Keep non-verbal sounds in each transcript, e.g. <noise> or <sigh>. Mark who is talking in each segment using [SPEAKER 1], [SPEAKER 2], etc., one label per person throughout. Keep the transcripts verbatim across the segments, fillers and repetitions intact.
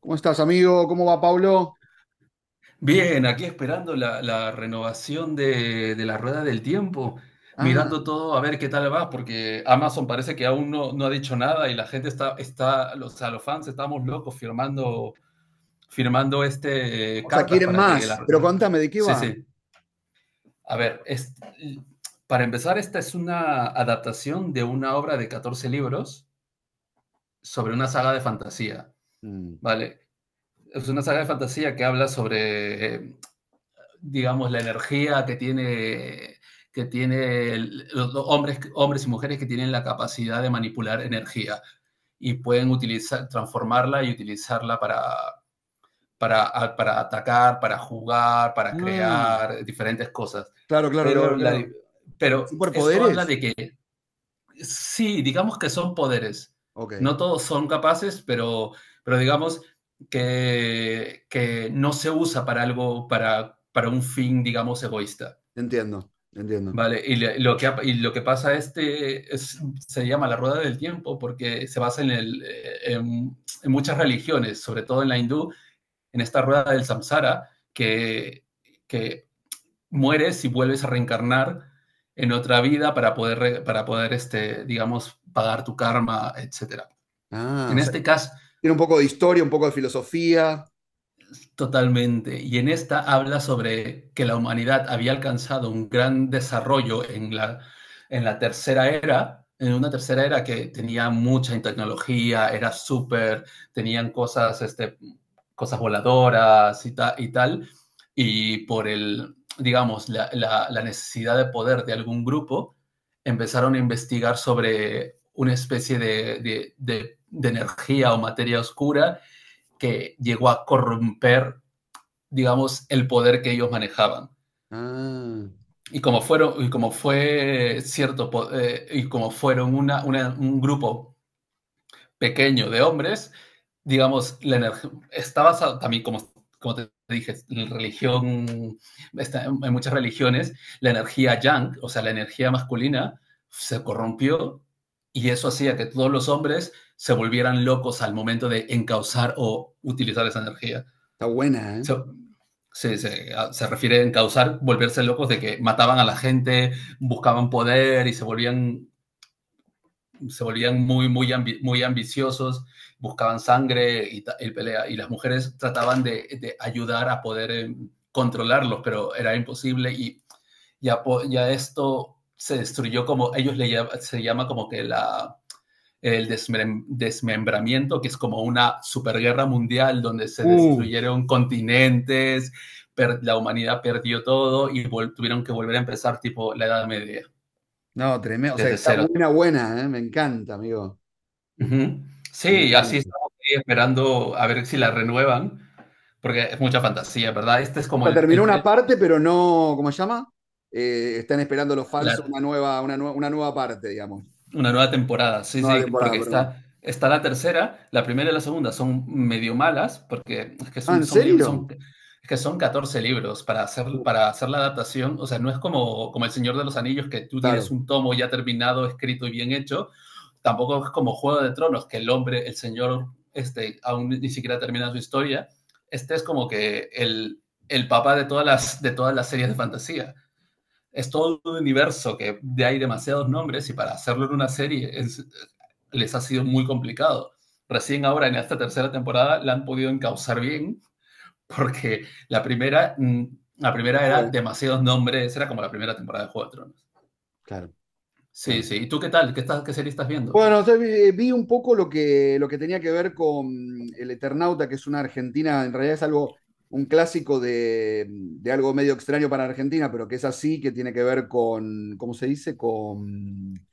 [SPEAKER 1] ¿Cómo estás, amigo? ¿Cómo va, Pablo?
[SPEAKER 2] Bien, aquí esperando la, la renovación de, de la rueda del tiempo,
[SPEAKER 1] Ah,
[SPEAKER 2] mirando todo a ver qué tal va, porque Amazon parece que aún no, no ha dicho nada y la gente está, está, los, o sea, los fans estamos locos firmando, firmando este, eh,
[SPEAKER 1] o sea,
[SPEAKER 2] cartas
[SPEAKER 1] quieren
[SPEAKER 2] para que
[SPEAKER 1] más,
[SPEAKER 2] la...
[SPEAKER 1] pero contame, ¿de qué
[SPEAKER 2] Sí,
[SPEAKER 1] va?
[SPEAKER 2] sí. A ver, es- para empezar, esta es una adaptación de una obra de catorce libros sobre una saga de fantasía,
[SPEAKER 1] Mm.
[SPEAKER 2] ¿vale? Es una saga de fantasía que habla sobre eh, digamos, la energía que tiene, que tiene los hombres, hombres y mujeres que tienen la capacidad de manipular energía y pueden utilizar, transformarla y utilizarla para, para, para atacar, para jugar, para
[SPEAKER 1] Ah,
[SPEAKER 2] crear diferentes cosas.
[SPEAKER 1] claro, claro,
[SPEAKER 2] Pero,
[SPEAKER 1] claro,
[SPEAKER 2] la,
[SPEAKER 1] claro. ¿Con
[SPEAKER 2] pero esto habla
[SPEAKER 1] superpoderes?
[SPEAKER 2] de que. Sí, digamos que son poderes.
[SPEAKER 1] Ok, te
[SPEAKER 2] No todos son capaces, pero, pero digamos que, que no se usa para algo, para, para un fin, digamos, egoísta.
[SPEAKER 1] entiendo, te entiendo.
[SPEAKER 2] Vale, y le- lo que, ha- y lo que pasa este es, se llama la rueda del tiempo porque se basa en, el, eh, en, en muchas religiones, sobre todo en la hindú, en esta rueda del samsara, que, que mueres y vuelves a reencarnar en otra vida para poder, para poder este, digamos, pagar tu karma, etcétera.
[SPEAKER 1] Ah,
[SPEAKER 2] En
[SPEAKER 1] o sea,
[SPEAKER 2] este caso,
[SPEAKER 1] tiene un poco de historia, un poco de filosofía.
[SPEAKER 2] Totalmente. Y en esta habla sobre que la humanidad había alcanzado un gran desarrollo en la, en la tercera era, en una tercera era que tenía mucha tecnología, era súper, tenían cosas, este, cosas voladoras y, ta, y tal, y por el, digamos, la, la, la necesidad de poder de algún grupo, empezaron a investigar sobre una especie de, de, de, de energía o materia oscura que llegó a corromper, digamos, el poder que ellos manejaban.
[SPEAKER 1] Ah,
[SPEAKER 2] Y como fueron, y como fue cierto, eh, y como fueron una, una, un grupo pequeño de hombres. Digamos, la energía está basada también, como, como te dije, en religión, está, en muchas religiones, la energía yang, o sea, la energía masculina, se corrompió, y eso hacía que todos los hombres se volvieran locos al momento de encauzar o utilizar esa energía.
[SPEAKER 1] está buena, ¿eh?
[SPEAKER 2] Se, se, se, se refiere a encauzar, volverse locos de que mataban a la gente, buscaban poder y se volvían, se volvían muy, muy, ambi, muy ambiciosos, buscaban sangre y, y, pelea. Y las mujeres trataban de, de ayudar a poder eh, controlarlos, pero era imposible, y ya, ya esto se destruyó. Como ellos le, se llama, como que la el desmem desmembramiento, que es como una superguerra mundial donde se
[SPEAKER 1] Uh,
[SPEAKER 2] destruyeron continentes, per- la humanidad perdió todo, y vol- tuvieron que volver a empezar, tipo la Edad Media,
[SPEAKER 1] no, tremendo. O sea,
[SPEAKER 2] desde
[SPEAKER 1] está
[SPEAKER 2] cero.
[SPEAKER 1] buena, buena, ¿eh? Me encanta, amigo.
[SPEAKER 2] Uh -huh.
[SPEAKER 1] Me
[SPEAKER 2] Sí,
[SPEAKER 1] encanta.
[SPEAKER 2] así estamos ahí esperando a ver si la renuevan, porque es mucha fantasía, ¿verdad? Este es
[SPEAKER 1] O
[SPEAKER 2] como
[SPEAKER 1] sea,
[SPEAKER 2] el,
[SPEAKER 1] terminó
[SPEAKER 2] el,
[SPEAKER 1] una
[SPEAKER 2] el,
[SPEAKER 1] parte, pero no, ¿cómo se llama? Eh, están esperando los fans
[SPEAKER 2] la,
[SPEAKER 1] una nueva, una nue- una nueva parte, digamos.
[SPEAKER 2] Una nueva temporada, sí,
[SPEAKER 1] Nueva
[SPEAKER 2] sí,
[SPEAKER 1] temporada,
[SPEAKER 2] porque
[SPEAKER 1] perdón.
[SPEAKER 2] está, está la tercera, la primera y la segunda son medio malas, porque es que
[SPEAKER 1] Ah,
[SPEAKER 2] son,
[SPEAKER 1] ¿en
[SPEAKER 2] son, lib- son,
[SPEAKER 1] serio?
[SPEAKER 2] es que son catorce libros para hacer,
[SPEAKER 1] Uh,
[SPEAKER 2] para hacer la adaptación. O sea, no es como, como El Señor de los Anillos, que tú tienes
[SPEAKER 1] claro.
[SPEAKER 2] un tomo ya terminado, escrito y bien hecho. Tampoco es como Juego de Tronos, que el hombre, el señor, este, aún ni siquiera termina su historia. Este es como que el, el papá de todas las, de todas las series de fantasía. Es todo un universo que de hay demasiados nombres, y para hacerlo en una serie es, les ha sido muy complicado. Recién ahora, en esta tercera temporada, la han podido encauzar bien, porque la primera, mm, la
[SPEAKER 1] No
[SPEAKER 2] primera era
[SPEAKER 1] jugué.
[SPEAKER 2] demasiados nombres, era como la primera temporada de Juego de Tronos.
[SPEAKER 1] Claro,
[SPEAKER 2] Sí,
[SPEAKER 1] claro.
[SPEAKER 2] sí. ¿Y tú qué tal? ¿Qué, estás, qué serie estás viendo?
[SPEAKER 1] Bueno, o sea, vi, eh, vi un poco lo que, lo que tenía que ver con El Eternauta, que es una Argentina, en realidad es algo, un clásico de, de algo medio extraño para Argentina, pero que es así, que tiene que ver con, ¿cómo se dice? Con,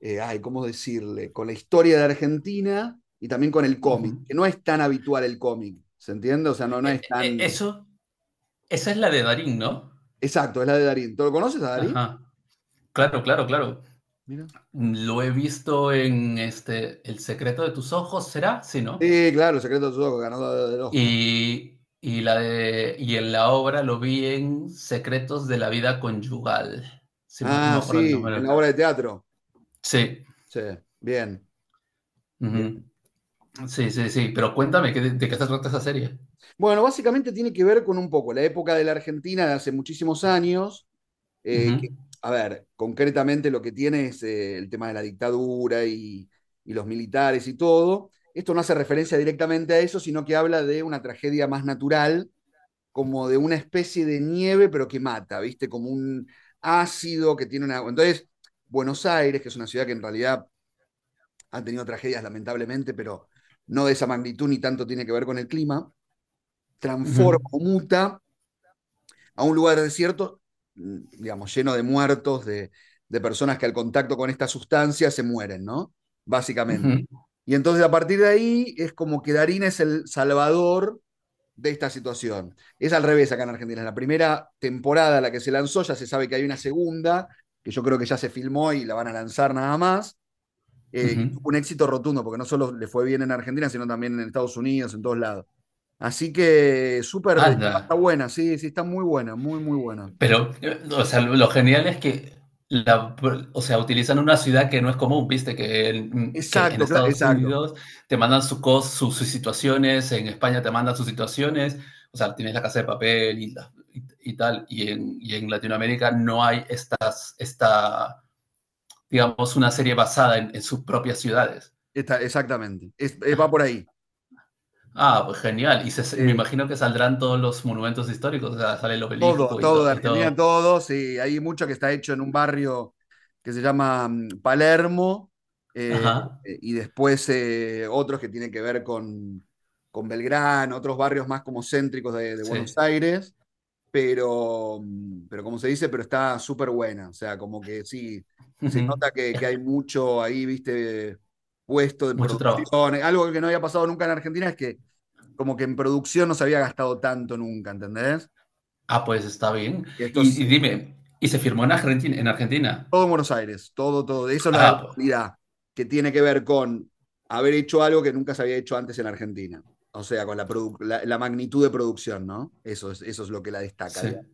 [SPEAKER 1] eh, ay, ¿cómo decirle? Con la historia de Argentina y también con el
[SPEAKER 2] Uh
[SPEAKER 1] cómic,
[SPEAKER 2] -huh.
[SPEAKER 1] que no es tan habitual el cómic, ¿se entiende? O sea, no, no
[SPEAKER 2] eh,
[SPEAKER 1] es
[SPEAKER 2] eh,
[SPEAKER 1] tan...
[SPEAKER 2] eso, Esa es la de Darín, ¿no?
[SPEAKER 1] Exacto, es la de Darín. ¿Tú lo conoces a Darín?
[SPEAKER 2] Ajá. Claro, claro, claro.
[SPEAKER 1] Mira.
[SPEAKER 2] Lo he visto en este El secreto de tus ojos, ¿será? Sí, ¿no?
[SPEAKER 1] Sí, claro, El Secreto de sus ojos, ganador del Oscar.
[SPEAKER 2] Y, y, la de, y en la obra lo vi en Secretos de la Vida Conyugal, si más no
[SPEAKER 1] Ah,
[SPEAKER 2] me acuerdo el
[SPEAKER 1] sí, en la
[SPEAKER 2] nombre.
[SPEAKER 1] obra de teatro.
[SPEAKER 2] Sí,
[SPEAKER 1] Sí, bien,
[SPEAKER 2] ujú.
[SPEAKER 1] bien.
[SPEAKER 2] Sí, sí, sí, pero cuéntame, ¿qué- ¿de, ¿qué se trata esa serie?
[SPEAKER 1] Bueno, básicamente tiene que ver con un poco la época de la Argentina de hace muchísimos años, eh,
[SPEAKER 2] Ujú,
[SPEAKER 1] que, a ver, concretamente lo que tiene es eh, el tema de la dictadura y, y los militares y todo. Esto no hace referencia directamente a eso, sino que habla de una tragedia más natural, como de una especie de nieve, pero que mata, ¿viste? Como un ácido que tiene una... Entonces, Buenos Aires, que es una ciudad que en realidad han tenido tragedias lamentablemente, pero no de esa magnitud ni tanto tiene que ver con el clima,
[SPEAKER 2] ujú,
[SPEAKER 1] transforma o muta a un lugar desierto, mm, digamos, lleno de muertos, de, de personas que al contacto con esta sustancia se mueren, ¿no? Básicamente.
[SPEAKER 2] ujú,
[SPEAKER 1] Y entonces a partir de ahí es como que Darín es el salvador de esta situación. Es al revés acá en Argentina. En la primera temporada, la que se lanzó, ya se sabe que hay una segunda, que yo creo que ya se filmó y la van a lanzar nada más. Eh, y
[SPEAKER 2] ujú.
[SPEAKER 1] tuvo un éxito rotundo, porque no solo le fue bien en Argentina, sino también en Estados Unidos, en todos lados. Así que súper, está
[SPEAKER 2] Anda.
[SPEAKER 1] buena, sí, sí, está muy buena, muy, muy buena.
[SPEAKER 2] Pero, eh, o sea, lo, lo genial es que, la, o sea, utilizan una ciudad que no es común, viste, que en, que en
[SPEAKER 1] Exacto, cla-
[SPEAKER 2] Estados
[SPEAKER 1] exacto,
[SPEAKER 2] Unidos te mandan su cos, su- sus situaciones, en España te mandan sus situaciones. O sea, tienes La Casa de Papel y, la- y, y tal, y en, y en Latinoamérica no hay estas, esta, digamos, una serie basada en, en sus propias ciudades.
[SPEAKER 1] está, exactamente. Es- eh, va por
[SPEAKER 2] Ah,
[SPEAKER 1] ahí.
[SPEAKER 2] ah, pues genial, y se- me
[SPEAKER 1] Eh,
[SPEAKER 2] imagino que saldrán todos los monumentos históricos, o sea, sale el
[SPEAKER 1] Todo,
[SPEAKER 2] obelisco y,
[SPEAKER 1] todo de
[SPEAKER 2] todo y
[SPEAKER 1] Argentina,
[SPEAKER 2] todo.
[SPEAKER 1] todo, sí. Hay mucho que está hecho en un barrio que se llama mm, Palermo, eh,
[SPEAKER 2] Ajá,
[SPEAKER 1] y después eh, otros que tienen que ver con, con Belgrano, otros barrios más como céntricos de, de
[SPEAKER 2] sí.
[SPEAKER 1] Buenos Aires. Pero, mm, pero como se dice, pero está súper buena. O sea, como que sí, se
[SPEAKER 2] Ujú.
[SPEAKER 1] nota que, que hay mucho ahí, viste, puesto en
[SPEAKER 2] Mucho trabajo.
[SPEAKER 1] producción. Algo que no había pasado nunca en Argentina es que como que en producción no se había gastado tanto nunca, ¿entendés?
[SPEAKER 2] Ah, pues está
[SPEAKER 1] Y
[SPEAKER 2] bien.
[SPEAKER 1] esto
[SPEAKER 2] Y,
[SPEAKER 1] es
[SPEAKER 2] y
[SPEAKER 1] eh,
[SPEAKER 2] dime, ¿y se firmó en Argentina? ¿En Argentina?
[SPEAKER 1] todo en Buenos Aires, todo, todo. Eso es la la
[SPEAKER 2] Ah, pues
[SPEAKER 1] calidad que tiene que ver con haber hecho algo que nunca se había hecho antes en Argentina. O sea, con la, produ- la, la magnitud de producción, ¿no? Eso es, eso es lo que la destaca, digamos.
[SPEAKER 2] sí.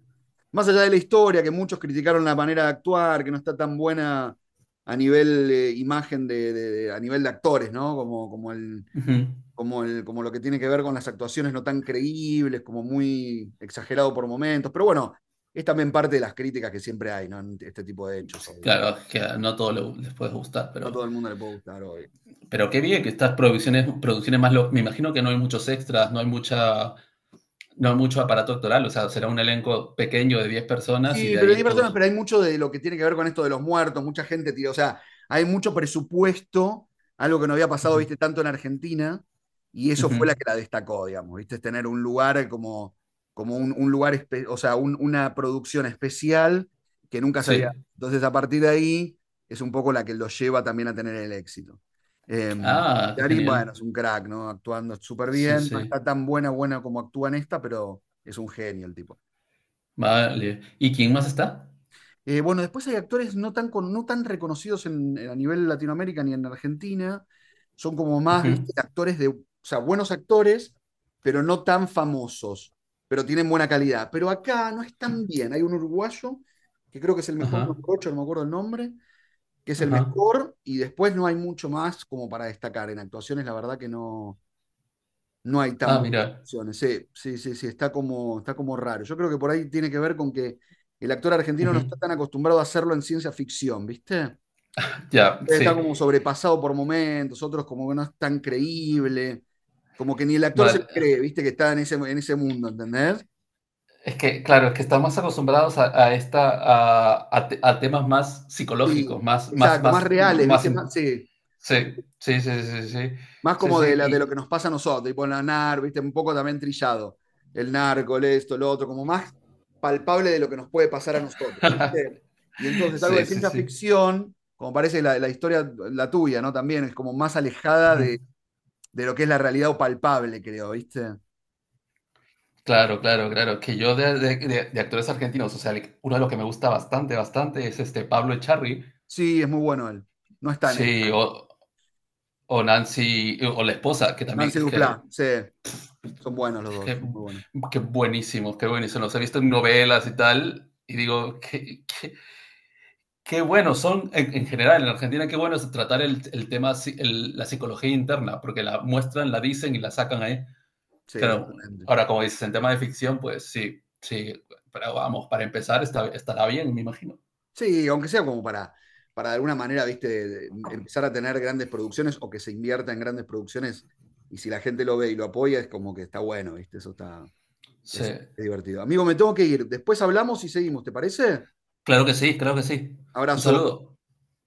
[SPEAKER 1] Más allá de la historia, que muchos criticaron la manera de actuar, que no está tan buena a nivel eh, imagen de, de- de- a nivel de actores, ¿no? Como, como el,
[SPEAKER 2] Ujú.
[SPEAKER 1] como el, como lo que tiene que ver con las actuaciones no tan creíbles, como muy exagerado por momentos. Pero bueno, es también parte de las críticas que siempre hay, ¿no? En este tipo de hechos hoy.
[SPEAKER 2] Claro, es que no todo le- les puede gustar,
[SPEAKER 1] No a
[SPEAKER 2] pero,
[SPEAKER 1] todo el mundo le puede gustar hoy.
[SPEAKER 2] pero qué bien que estas producciones, producciones más... lo- Me imagino que no hay muchos extras, no hay mucha, no hay mucho aparato actoral, o sea, será un elenco pequeño de diez personas y
[SPEAKER 1] Sí,
[SPEAKER 2] de
[SPEAKER 1] pero hay
[SPEAKER 2] ahí
[SPEAKER 1] personas,
[SPEAKER 2] todos.
[SPEAKER 1] pero hay mucho de lo que tiene que ver con esto de los muertos, mucha gente tío, o sea, hay mucho presupuesto, algo que no había pasado,
[SPEAKER 2] Ujú.
[SPEAKER 1] viste, tanto en Argentina, y eso
[SPEAKER 2] Ujú.
[SPEAKER 1] fue la que la destacó, digamos, viste, es tener un lugar como, como un, un lugar, espe- o sea, un- una producción especial que nunca se había.
[SPEAKER 2] Sí.
[SPEAKER 1] Entonces, a partir de ahí, es un poco la que lo lleva también a tener el éxito. Em,
[SPEAKER 2] Ah, qué
[SPEAKER 1] Darín,
[SPEAKER 2] genial.
[SPEAKER 1] bueno, es un crack, ¿no? Actuando súper
[SPEAKER 2] Sí,
[SPEAKER 1] bien, no
[SPEAKER 2] sí.
[SPEAKER 1] está tan buena, buena como actúa en esta, pero es un genio el tipo.
[SPEAKER 2] Vale. ¿Y quién más está?
[SPEAKER 1] Eh, bueno, después hay actores no tan, con- no tan reconocidos en, eh, a nivel Latinoamérica ni en Argentina. Son como más,
[SPEAKER 2] Ujú.
[SPEAKER 1] ¿viste? Actores de, o sea, buenos actores, pero no tan famosos, pero tienen buena calidad. Pero acá no es tan bien. Hay un uruguayo que creo que es el mejor, un
[SPEAKER 2] Ajá,
[SPEAKER 1] no me acuerdo el nombre, que es el
[SPEAKER 2] ajá.
[SPEAKER 1] mejor, y después no hay mucho más como para destacar. En actuaciones, la verdad que no. No hay tan
[SPEAKER 2] Ah,
[SPEAKER 1] buenas
[SPEAKER 2] mira.
[SPEAKER 1] opciones. Sí, sí, sí, sí, está como, está como raro. Yo creo que por ahí tiene que ver con que el actor argentino no
[SPEAKER 2] Ujú.
[SPEAKER 1] está tan acostumbrado a hacerlo en ciencia ficción, ¿viste?
[SPEAKER 2] Ya,
[SPEAKER 1] Está
[SPEAKER 2] sí.
[SPEAKER 1] como sobrepasado por momentos, otros como que no es tan creíble, como que ni el actor se lo
[SPEAKER 2] Vale.
[SPEAKER 1] cree, ¿viste? Que está en ese, en ese mundo, ¿entendés?
[SPEAKER 2] Es que, claro, es que estamos acostumbrados a, a esta a, a, te- a temas más psicológicos,
[SPEAKER 1] Sí,
[SPEAKER 2] más, más,
[SPEAKER 1] exacto, más
[SPEAKER 2] más,
[SPEAKER 1] reales,
[SPEAKER 2] más.
[SPEAKER 1] ¿viste? Más,
[SPEAKER 2] in-
[SPEAKER 1] sí.
[SPEAKER 2] Sí, sí, sí, sí, sí.
[SPEAKER 1] Más
[SPEAKER 2] Sí, sí,
[SPEAKER 1] como de,
[SPEAKER 2] sí,
[SPEAKER 1] la, de lo
[SPEAKER 2] y.
[SPEAKER 1] que nos pasa a nosotros, tipo la N A R, ¿viste? Un poco también trillado. El narco, el esto, lo otro, como más palpable de lo que nos puede pasar a nosotros,
[SPEAKER 2] <laughs>
[SPEAKER 1] ¿viste? Y entonces algo de
[SPEAKER 2] Sí, sí,
[SPEAKER 1] ciencia
[SPEAKER 2] sí.
[SPEAKER 1] ficción, como parece la, la historia, la tuya, ¿no? También es como más alejada
[SPEAKER 2] Ujú.
[SPEAKER 1] de, de lo que es la realidad o palpable, creo, ¿viste?
[SPEAKER 2] Claro, claro, claro. Que yo de, de- de- de actores argentinos, o sea, le- uno de los que me gusta bastante, bastante es este Pablo Echarri.
[SPEAKER 1] Sí, es muy bueno él. No está en esta,
[SPEAKER 2] Sí,
[SPEAKER 1] ¿eh?
[SPEAKER 2] o, o Nancy, o la esposa, que también
[SPEAKER 1] Nancy
[SPEAKER 2] es que.
[SPEAKER 1] Duplá, sí, son buenos los
[SPEAKER 2] Es
[SPEAKER 1] dos,
[SPEAKER 2] que,
[SPEAKER 1] son muy buenos.
[SPEAKER 2] qué buenísimos, qué buenísimos. Los he visto en novelas y tal, y digo, qué, qué, qué buenos son, en, en, general, en Argentina. Qué bueno es tratar el, el tema, si, el, la psicología interna, porque la muestran, la dicen y la sacan ahí.
[SPEAKER 1] Sí,
[SPEAKER 2] Claro,
[SPEAKER 1] totalmente.
[SPEAKER 2] ahora, como dices, en tema de ficción, pues sí, sí, pero vamos, para empezar está, estará bien, me imagino.
[SPEAKER 1] Sí, aunque sea como para, para de alguna manera, viste, de- de em, empezar a tener grandes producciones o que se invierta en grandes producciones y si la gente lo ve y lo apoya es como que está bueno, viste, eso está
[SPEAKER 2] Sí,
[SPEAKER 1] es divertido. Amigo, me tengo que ir. Después hablamos y seguimos, ¿te parece?
[SPEAKER 2] claro que sí, claro que sí. Un
[SPEAKER 1] Abrazo.
[SPEAKER 2] saludo.